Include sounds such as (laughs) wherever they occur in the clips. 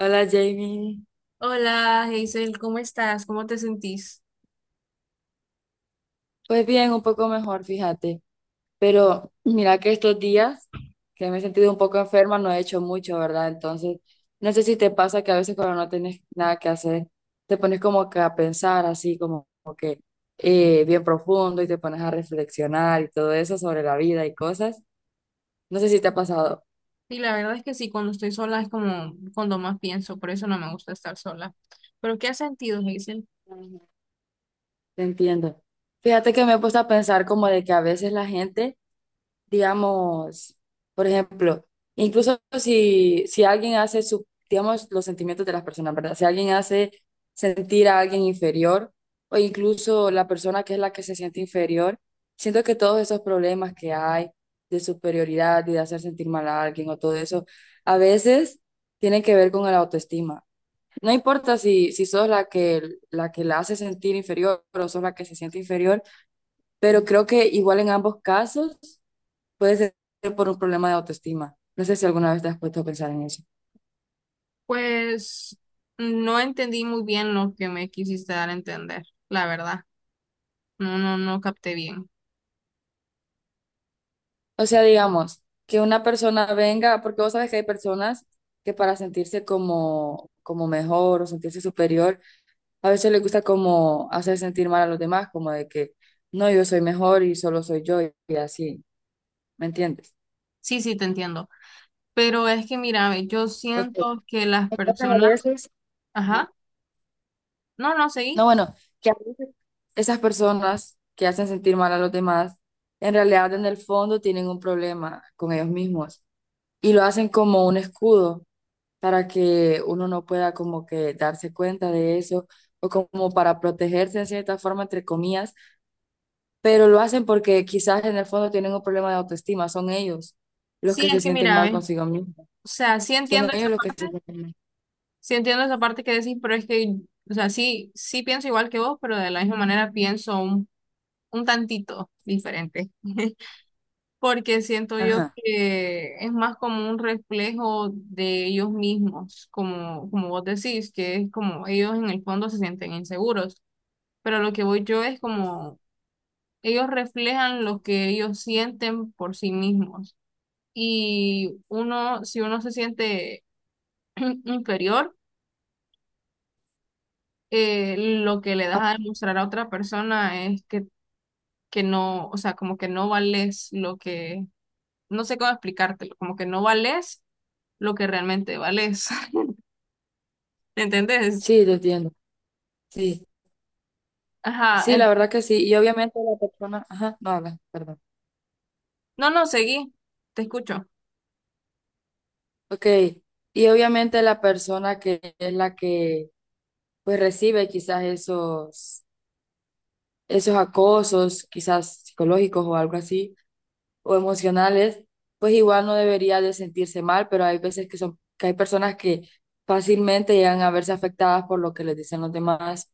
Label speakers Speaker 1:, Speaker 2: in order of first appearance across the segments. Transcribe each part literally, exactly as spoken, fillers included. Speaker 1: Hola, Jamie.
Speaker 2: Hola, Hazel, ¿cómo estás? ¿Cómo te sentís?
Speaker 1: Pues bien, un poco mejor, fíjate. Pero mira que estos días que me he sentido un poco enferma, no he hecho mucho, ¿verdad? Entonces, no sé si te pasa que a veces cuando no tienes nada que hacer, te pones como que a pensar así, como, como que eh, bien profundo y te pones a reflexionar y todo eso sobre la vida y cosas. No sé si te ha pasado.
Speaker 2: Sí, la verdad es que sí, cuando estoy sola es como cuando más pienso, por eso no me gusta estar sola. ¿Pero qué has sentido, Hazel?
Speaker 1: Ujú. Te entiendo. Fíjate que me he puesto a pensar como de que a veces la gente, digamos, por ejemplo, incluso si, si alguien hace, su, digamos, los sentimientos de las personas, ¿verdad? Si alguien hace sentir a alguien inferior o incluso la persona que es la que se siente inferior, siento que todos esos problemas que hay de superioridad y de hacer sentir mal a alguien o todo eso, a veces tienen que ver con la autoestima. No importa si, si sos la que, la que la hace sentir inferior o sos la que se siente inferior, pero creo que igual en ambos casos puede ser por un problema de autoestima. No sé si alguna vez te has puesto a pensar en eso.
Speaker 2: Pues no entendí muy bien lo que me quisiste dar a entender, la verdad. No, no, no capté bien.
Speaker 1: O sea, digamos, que una persona venga, porque vos sabes que hay personas que para sentirse como, como mejor o sentirse superior, a veces les gusta como hacer sentir mal a los demás, como de que no, yo soy mejor y solo soy yo y y así, ¿me entiendes?
Speaker 2: Sí, sí, te entiendo. Pero es que mira, ve, yo
Speaker 1: Ok.
Speaker 2: siento que las
Speaker 1: Entonces, a
Speaker 2: personas,
Speaker 1: veces, ajá,
Speaker 2: ajá, no, no,
Speaker 1: no,
Speaker 2: seguí.
Speaker 1: bueno, que a veces esas personas que hacen sentir mal a los demás, en realidad en el fondo tienen un problema con ellos mismos y lo hacen como un escudo para que uno no pueda como que darse cuenta de eso o como para protegerse en cierta forma, entre comillas, pero lo hacen porque quizás en el fondo tienen un problema de autoestima, son ellos los
Speaker 2: Sí,
Speaker 1: que
Speaker 2: es
Speaker 1: se
Speaker 2: que
Speaker 1: sienten
Speaker 2: mira,
Speaker 1: mal
Speaker 2: ve,
Speaker 1: consigo mismos,
Speaker 2: o sea, sí
Speaker 1: son
Speaker 2: entiendo esa
Speaker 1: ellos los que se
Speaker 2: parte.
Speaker 1: sienten mal.
Speaker 2: Sí entiendo esa parte que decís, pero es que, o sea, sí, sí pienso igual que vos, pero de la misma manera pienso un, un tantito diferente, porque siento yo
Speaker 1: Ajá.
Speaker 2: que es más como un reflejo de ellos mismos, como, como vos decís, que es como ellos en el fondo se sienten inseguros, pero lo que voy yo es como ellos reflejan lo que ellos sienten por sí mismos. Y uno, si uno se siente (clears throat) inferior, eh, lo que le das
Speaker 1: Ah,
Speaker 2: a demostrar a otra persona es que, que no, o sea, como que no vales lo que, no sé cómo explicártelo, como que no vales lo que realmente vales. (laughs) ¿Entendés?
Speaker 1: sí, te entiendo. Sí,
Speaker 2: Ajá.
Speaker 1: sí, la
Speaker 2: en-
Speaker 1: verdad que sí. Y obviamente la persona, ajá, no habla, perdón.
Speaker 2: no, no, seguí. Te escucho.
Speaker 1: Ok, y obviamente la persona que es la que pues recibe quizás esos esos acosos, quizás psicológicos o algo así, o emocionales, pues igual no debería de sentirse mal, pero hay veces que son, que hay personas que fácilmente llegan a verse afectadas por lo que les dicen los demás,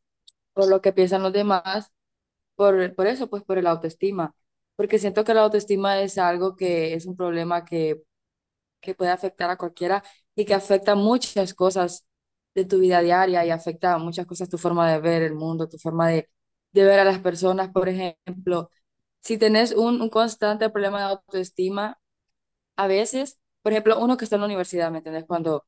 Speaker 1: por lo que piensan los demás, por, por eso, pues por el autoestima, porque siento que la autoestima es algo que es un problema que que puede afectar a cualquiera y que afecta muchas cosas de tu vida diaria y afecta a muchas cosas tu forma de ver el mundo, tu forma de, de ver a las personas. Por ejemplo, si tenés un, un constante problema de autoestima, a veces, por ejemplo, uno que está en la universidad, ¿me entendés? Cuando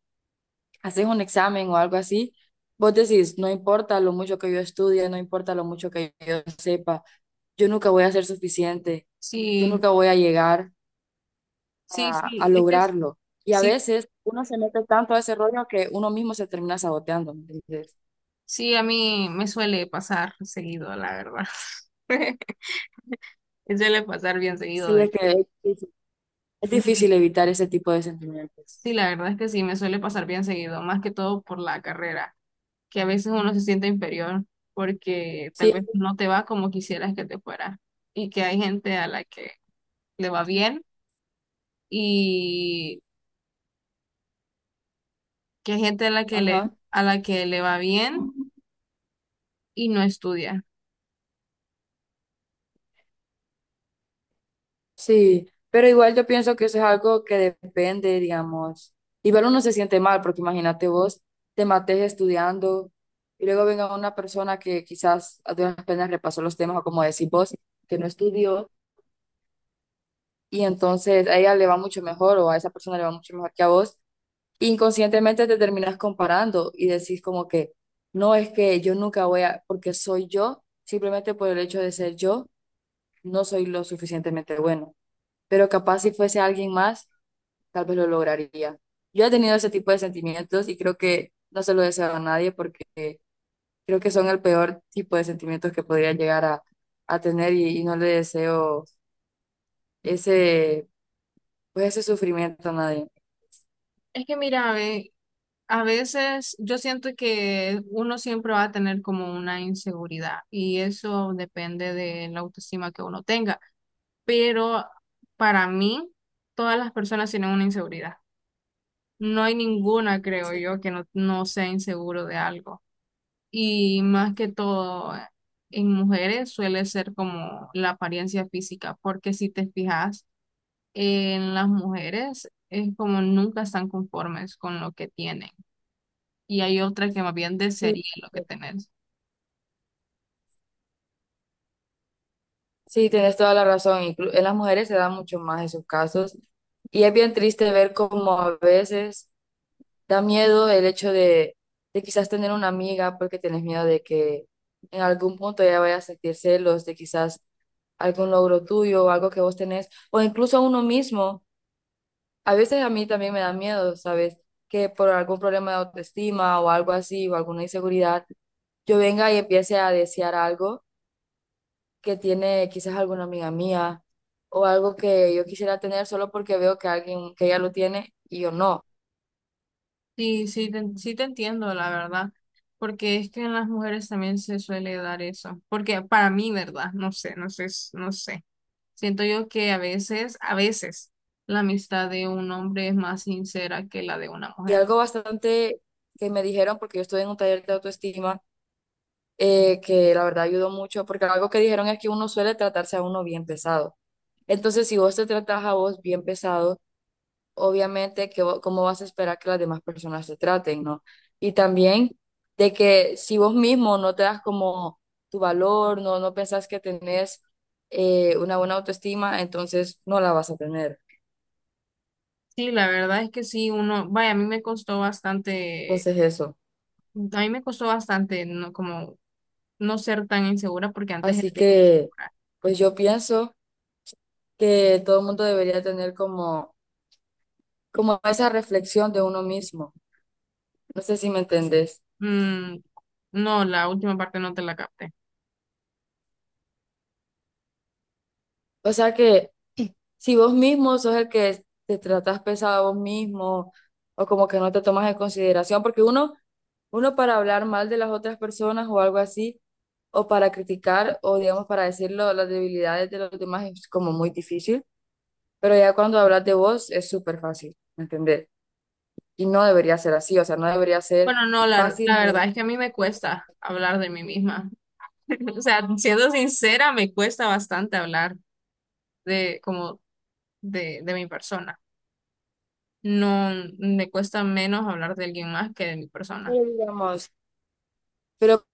Speaker 1: haces un examen o algo así, vos decís, no importa lo mucho que yo estudie, no importa lo mucho que yo sepa, yo nunca voy a ser suficiente, yo
Speaker 2: Sí,
Speaker 1: nunca voy a llegar
Speaker 2: sí,
Speaker 1: a, a
Speaker 2: sí. Es que es-
Speaker 1: lograrlo. Y a
Speaker 2: sí,
Speaker 1: veces uno se mete tanto a ese rollo que uno mismo se termina saboteando, ¿no? Entonces
Speaker 2: sí, a mí me suele pasar seguido, la verdad. (laughs) Me suele pasar bien seguido
Speaker 1: sí, es
Speaker 2: de...
Speaker 1: que es difícil, es
Speaker 2: de que-
Speaker 1: difícil evitar ese tipo de sentimientos.
Speaker 2: Sí, la verdad es que sí, me suele pasar bien seguido, más que todo por la carrera. Que a veces uno se siente inferior porque tal
Speaker 1: Sí, es
Speaker 2: vez
Speaker 1: que,
Speaker 2: no te va como quisieras que te fuera y que hay gente a la que le va bien y que hay gente a la que le,
Speaker 1: ajá,
Speaker 2: a la que le va bien y no estudia.
Speaker 1: sí. Pero igual yo pienso que eso es algo que depende, digamos. Igual uno se siente mal, porque imagínate vos, te mates estudiando y luego venga una persona que quizás a duras penas repasó los temas o como decís vos, que no estudió y entonces a ella le va mucho mejor o a esa persona le va mucho mejor que a vos, inconscientemente te terminas comparando y decís como que no, es que yo nunca voy a, porque soy yo, simplemente por el hecho de ser yo, no soy lo suficientemente bueno. Pero capaz si fuese alguien más, tal vez lo lograría. Yo he tenido ese tipo de sentimientos y creo que no se lo deseo a nadie porque creo que son el peor tipo de sentimientos que podría llegar a, a tener y, y no le deseo ese, pues ese sufrimiento a nadie.
Speaker 2: Es que mira, a ve, a veces yo siento que uno siempre va a tener como una inseguridad y eso depende de la autoestima que uno tenga, pero para mí todas las personas tienen una inseguridad. No hay ninguna, creo yo, que no, no sea inseguro de algo. Y más que todo, en mujeres suele ser como la apariencia física, porque si te fijas en las mujeres, es como nunca están conformes con lo que tienen. Y hay otras que más bien
Speaker 1: Sí,
Speaker 2: desearían lo
Speaker 1: sí.
Speaker 2: que tener.
Speaker 1: Sí, tienes toda la razón. Inclu- en las mujeres se dan mucho más esos casos. Y es bien triste ver cómo a veces da miedo el hecho de, de quizás tener una amiga porque tienes miedo de que en algún punto ella vaya a sentir celos de quizás algún logro tuyo o algo que vos tenés, o incluso a uno mismo. A veces a mí también me da miedo, ¿sabes? Que por algún problema de autoestima o algo así, o alguna inseguridad, yo venga y empiece a desear algo que tiene quizás alguna amiga mía o algo que yo quisiera tener solo porque veo que alguien que ya lo tiene y yo no.
Speaker 2: Sí, sí, te, sí te entiendo, la verdad, porque es que en las mujeres también se suele dar eso. Porque para mí, ¿verdad? No sé, no sé, no sé. Siento yo que a veces, a veces, la amistad de un hombre es más sincera que la de una
Speaker 1: Y
Speaker 2: mujer.
Speaker 1: algo bastante que me dijeron, porque yo estoy en un taller de autoestima, eh, que la verdad ayudó mucho, porque algo que dijeron es que uno suele tratarse a uno bien pesado. Entonces, si vos te tratas a vos bien pesado, obviamente, que, vo- cómo vas a esperar que las demás personas te traten, ¿no? Y también de que si vos mismo no te das como tu valor, no, no pensás que tenés eh, una buena autoestima, entonces no la vas a tener.
Speaker 2: Sí, la verdad es que sí, uno, vaya, a mí me costó bastante,
Speaker 1: Entonces eso.
Speaker 2: a mí me costó bastante no, como no ser tan insegura porque antes era
Speaker 1: Así
Speaker 2: bien
Speaker 1: que,
Speaker 2: insegura.
Speaker 1: pues yo pienso que todo el mundo debería tener como, como esa reflexión de uno mismo. No sé si me entendés.
Speaker 2: Mm, no, la última parte no te la capté.
Speaker 1: O sea que si vos mismo sos el que te tratas pesado a vos mismo o como que no te tomas en consideración, porque uno, uno para hablar mal de las otras personas o algo así, o para criticar o digamos para decirlo, las debilidades de los demás es como muy difícil, pero ya cuando hablas de vos es súper fácil, ¿me ¿entendés? Y no debería ser así, o sea, no debería ser
Speaker 2: Bueno, no, la,
Speaker 1: fácil,
Speaker 2: la
Speaker 1: pero
Speaker 2: verdad es que a mí me cuesta hablar de mí misma. (laughs) O sea, siendo sincera, me cuesta bastante hablar de como de, de mi persona. No me cuesta menos hablar de alguien más que de mi persona.
Speaker 1: digamos, pero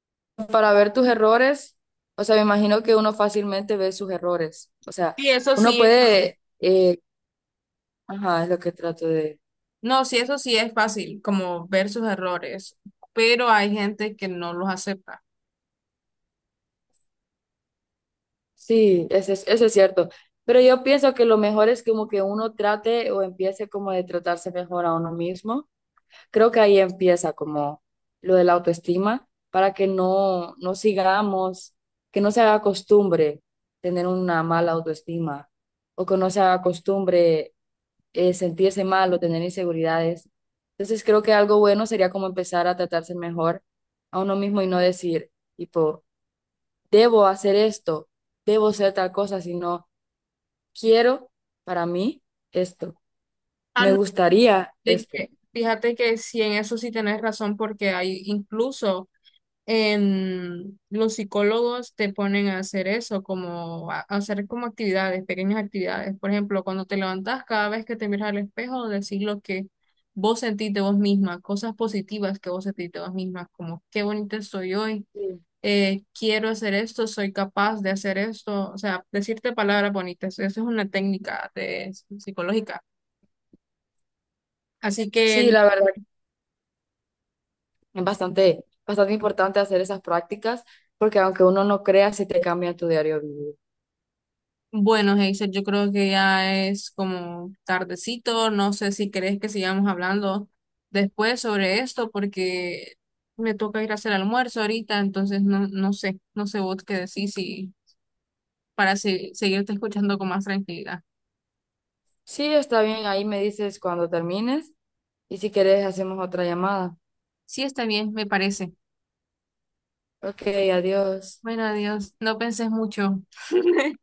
Speaker 1: para ver tus errores, o sea, me imagino que uno fácilmente ve sus errores, o sea,
Speaker 2: Y eso
Speaker 1: uno
Speaker 2: sí,
Speaker 1: puede... eh, ajá, es lo que trato de...
Speaker 2: no, sí, eso sí es fácil, como ver sus errores, pero hay gente que no los acepta.
Speaker 1: Sí, eso es, eso es cierto. Pero yo pienso que lo mejor es como que uno trate o empiece como de tratarse mejor a uno mismo. Creo que ahí empieza como lo de la autoestima para que no, no sigamos, que no se haga costumbre tener una mala autoestima o que no se haga costumbre eh, sentirse mal o tener inseguridades. Entonces creo que algo bueno sería como empezar a tratarse mejor a uno mismo y no decir, tipo... debo hacer esto, debo ser tal cosa, sino quiero para mí esto,
Speaker 2: Ah,
Speaker 1: me
Speaker 2: no,
Speaker 1: gustaría
Speaker 2: de
Speaker 1: esto.
Speaker 2: que- fíjate que sí, en eso sí tenés razón, porque hay incluso em, los psicólogos te ponen a hacer eso, como a a hacer como actividades, pequeñas actividades. Por ejemplo, cuando te levantas, cada vez que te miras al espejo, decir lo que vos sentís de vos misma, cosas positivas que vos sentís de vos misma, como qué bonita soy hoy,
Speaker 1: Sí,
Speaker 2: eh, quiero hacer esto, soy capaz de hacer esto. O sea, decirte palabras bonitas. Eso es una técnica de, psicológica. Así
Speaker 1: sí,
Speaker 2: que
Speaker 1: la verdad, es bastante, bastante importante hacer esas prácticas porque aunque uno no crea, sí te cambia tu diario vivir.
Speaker 2: bueno, Hazel, yo creo que ya es como tardecito. No sé si querés que sigamos hablando después sobre esto, porque me toca ir a hacer almuerzo ahorita, entonces no, no sé, no sé vos qué decís si, para se- seguirte escuchando con más tranquilidad.
Speaker 1: Sí, está bien, ahí me dices cuando termines y si quieres hacemos otra llamada.
Speaker 2: Sí, está bien, me parece.
Speaker 1: Ok, adiós.
Speaker 2: Bueno, adiós. No pensés mucho. (laughs)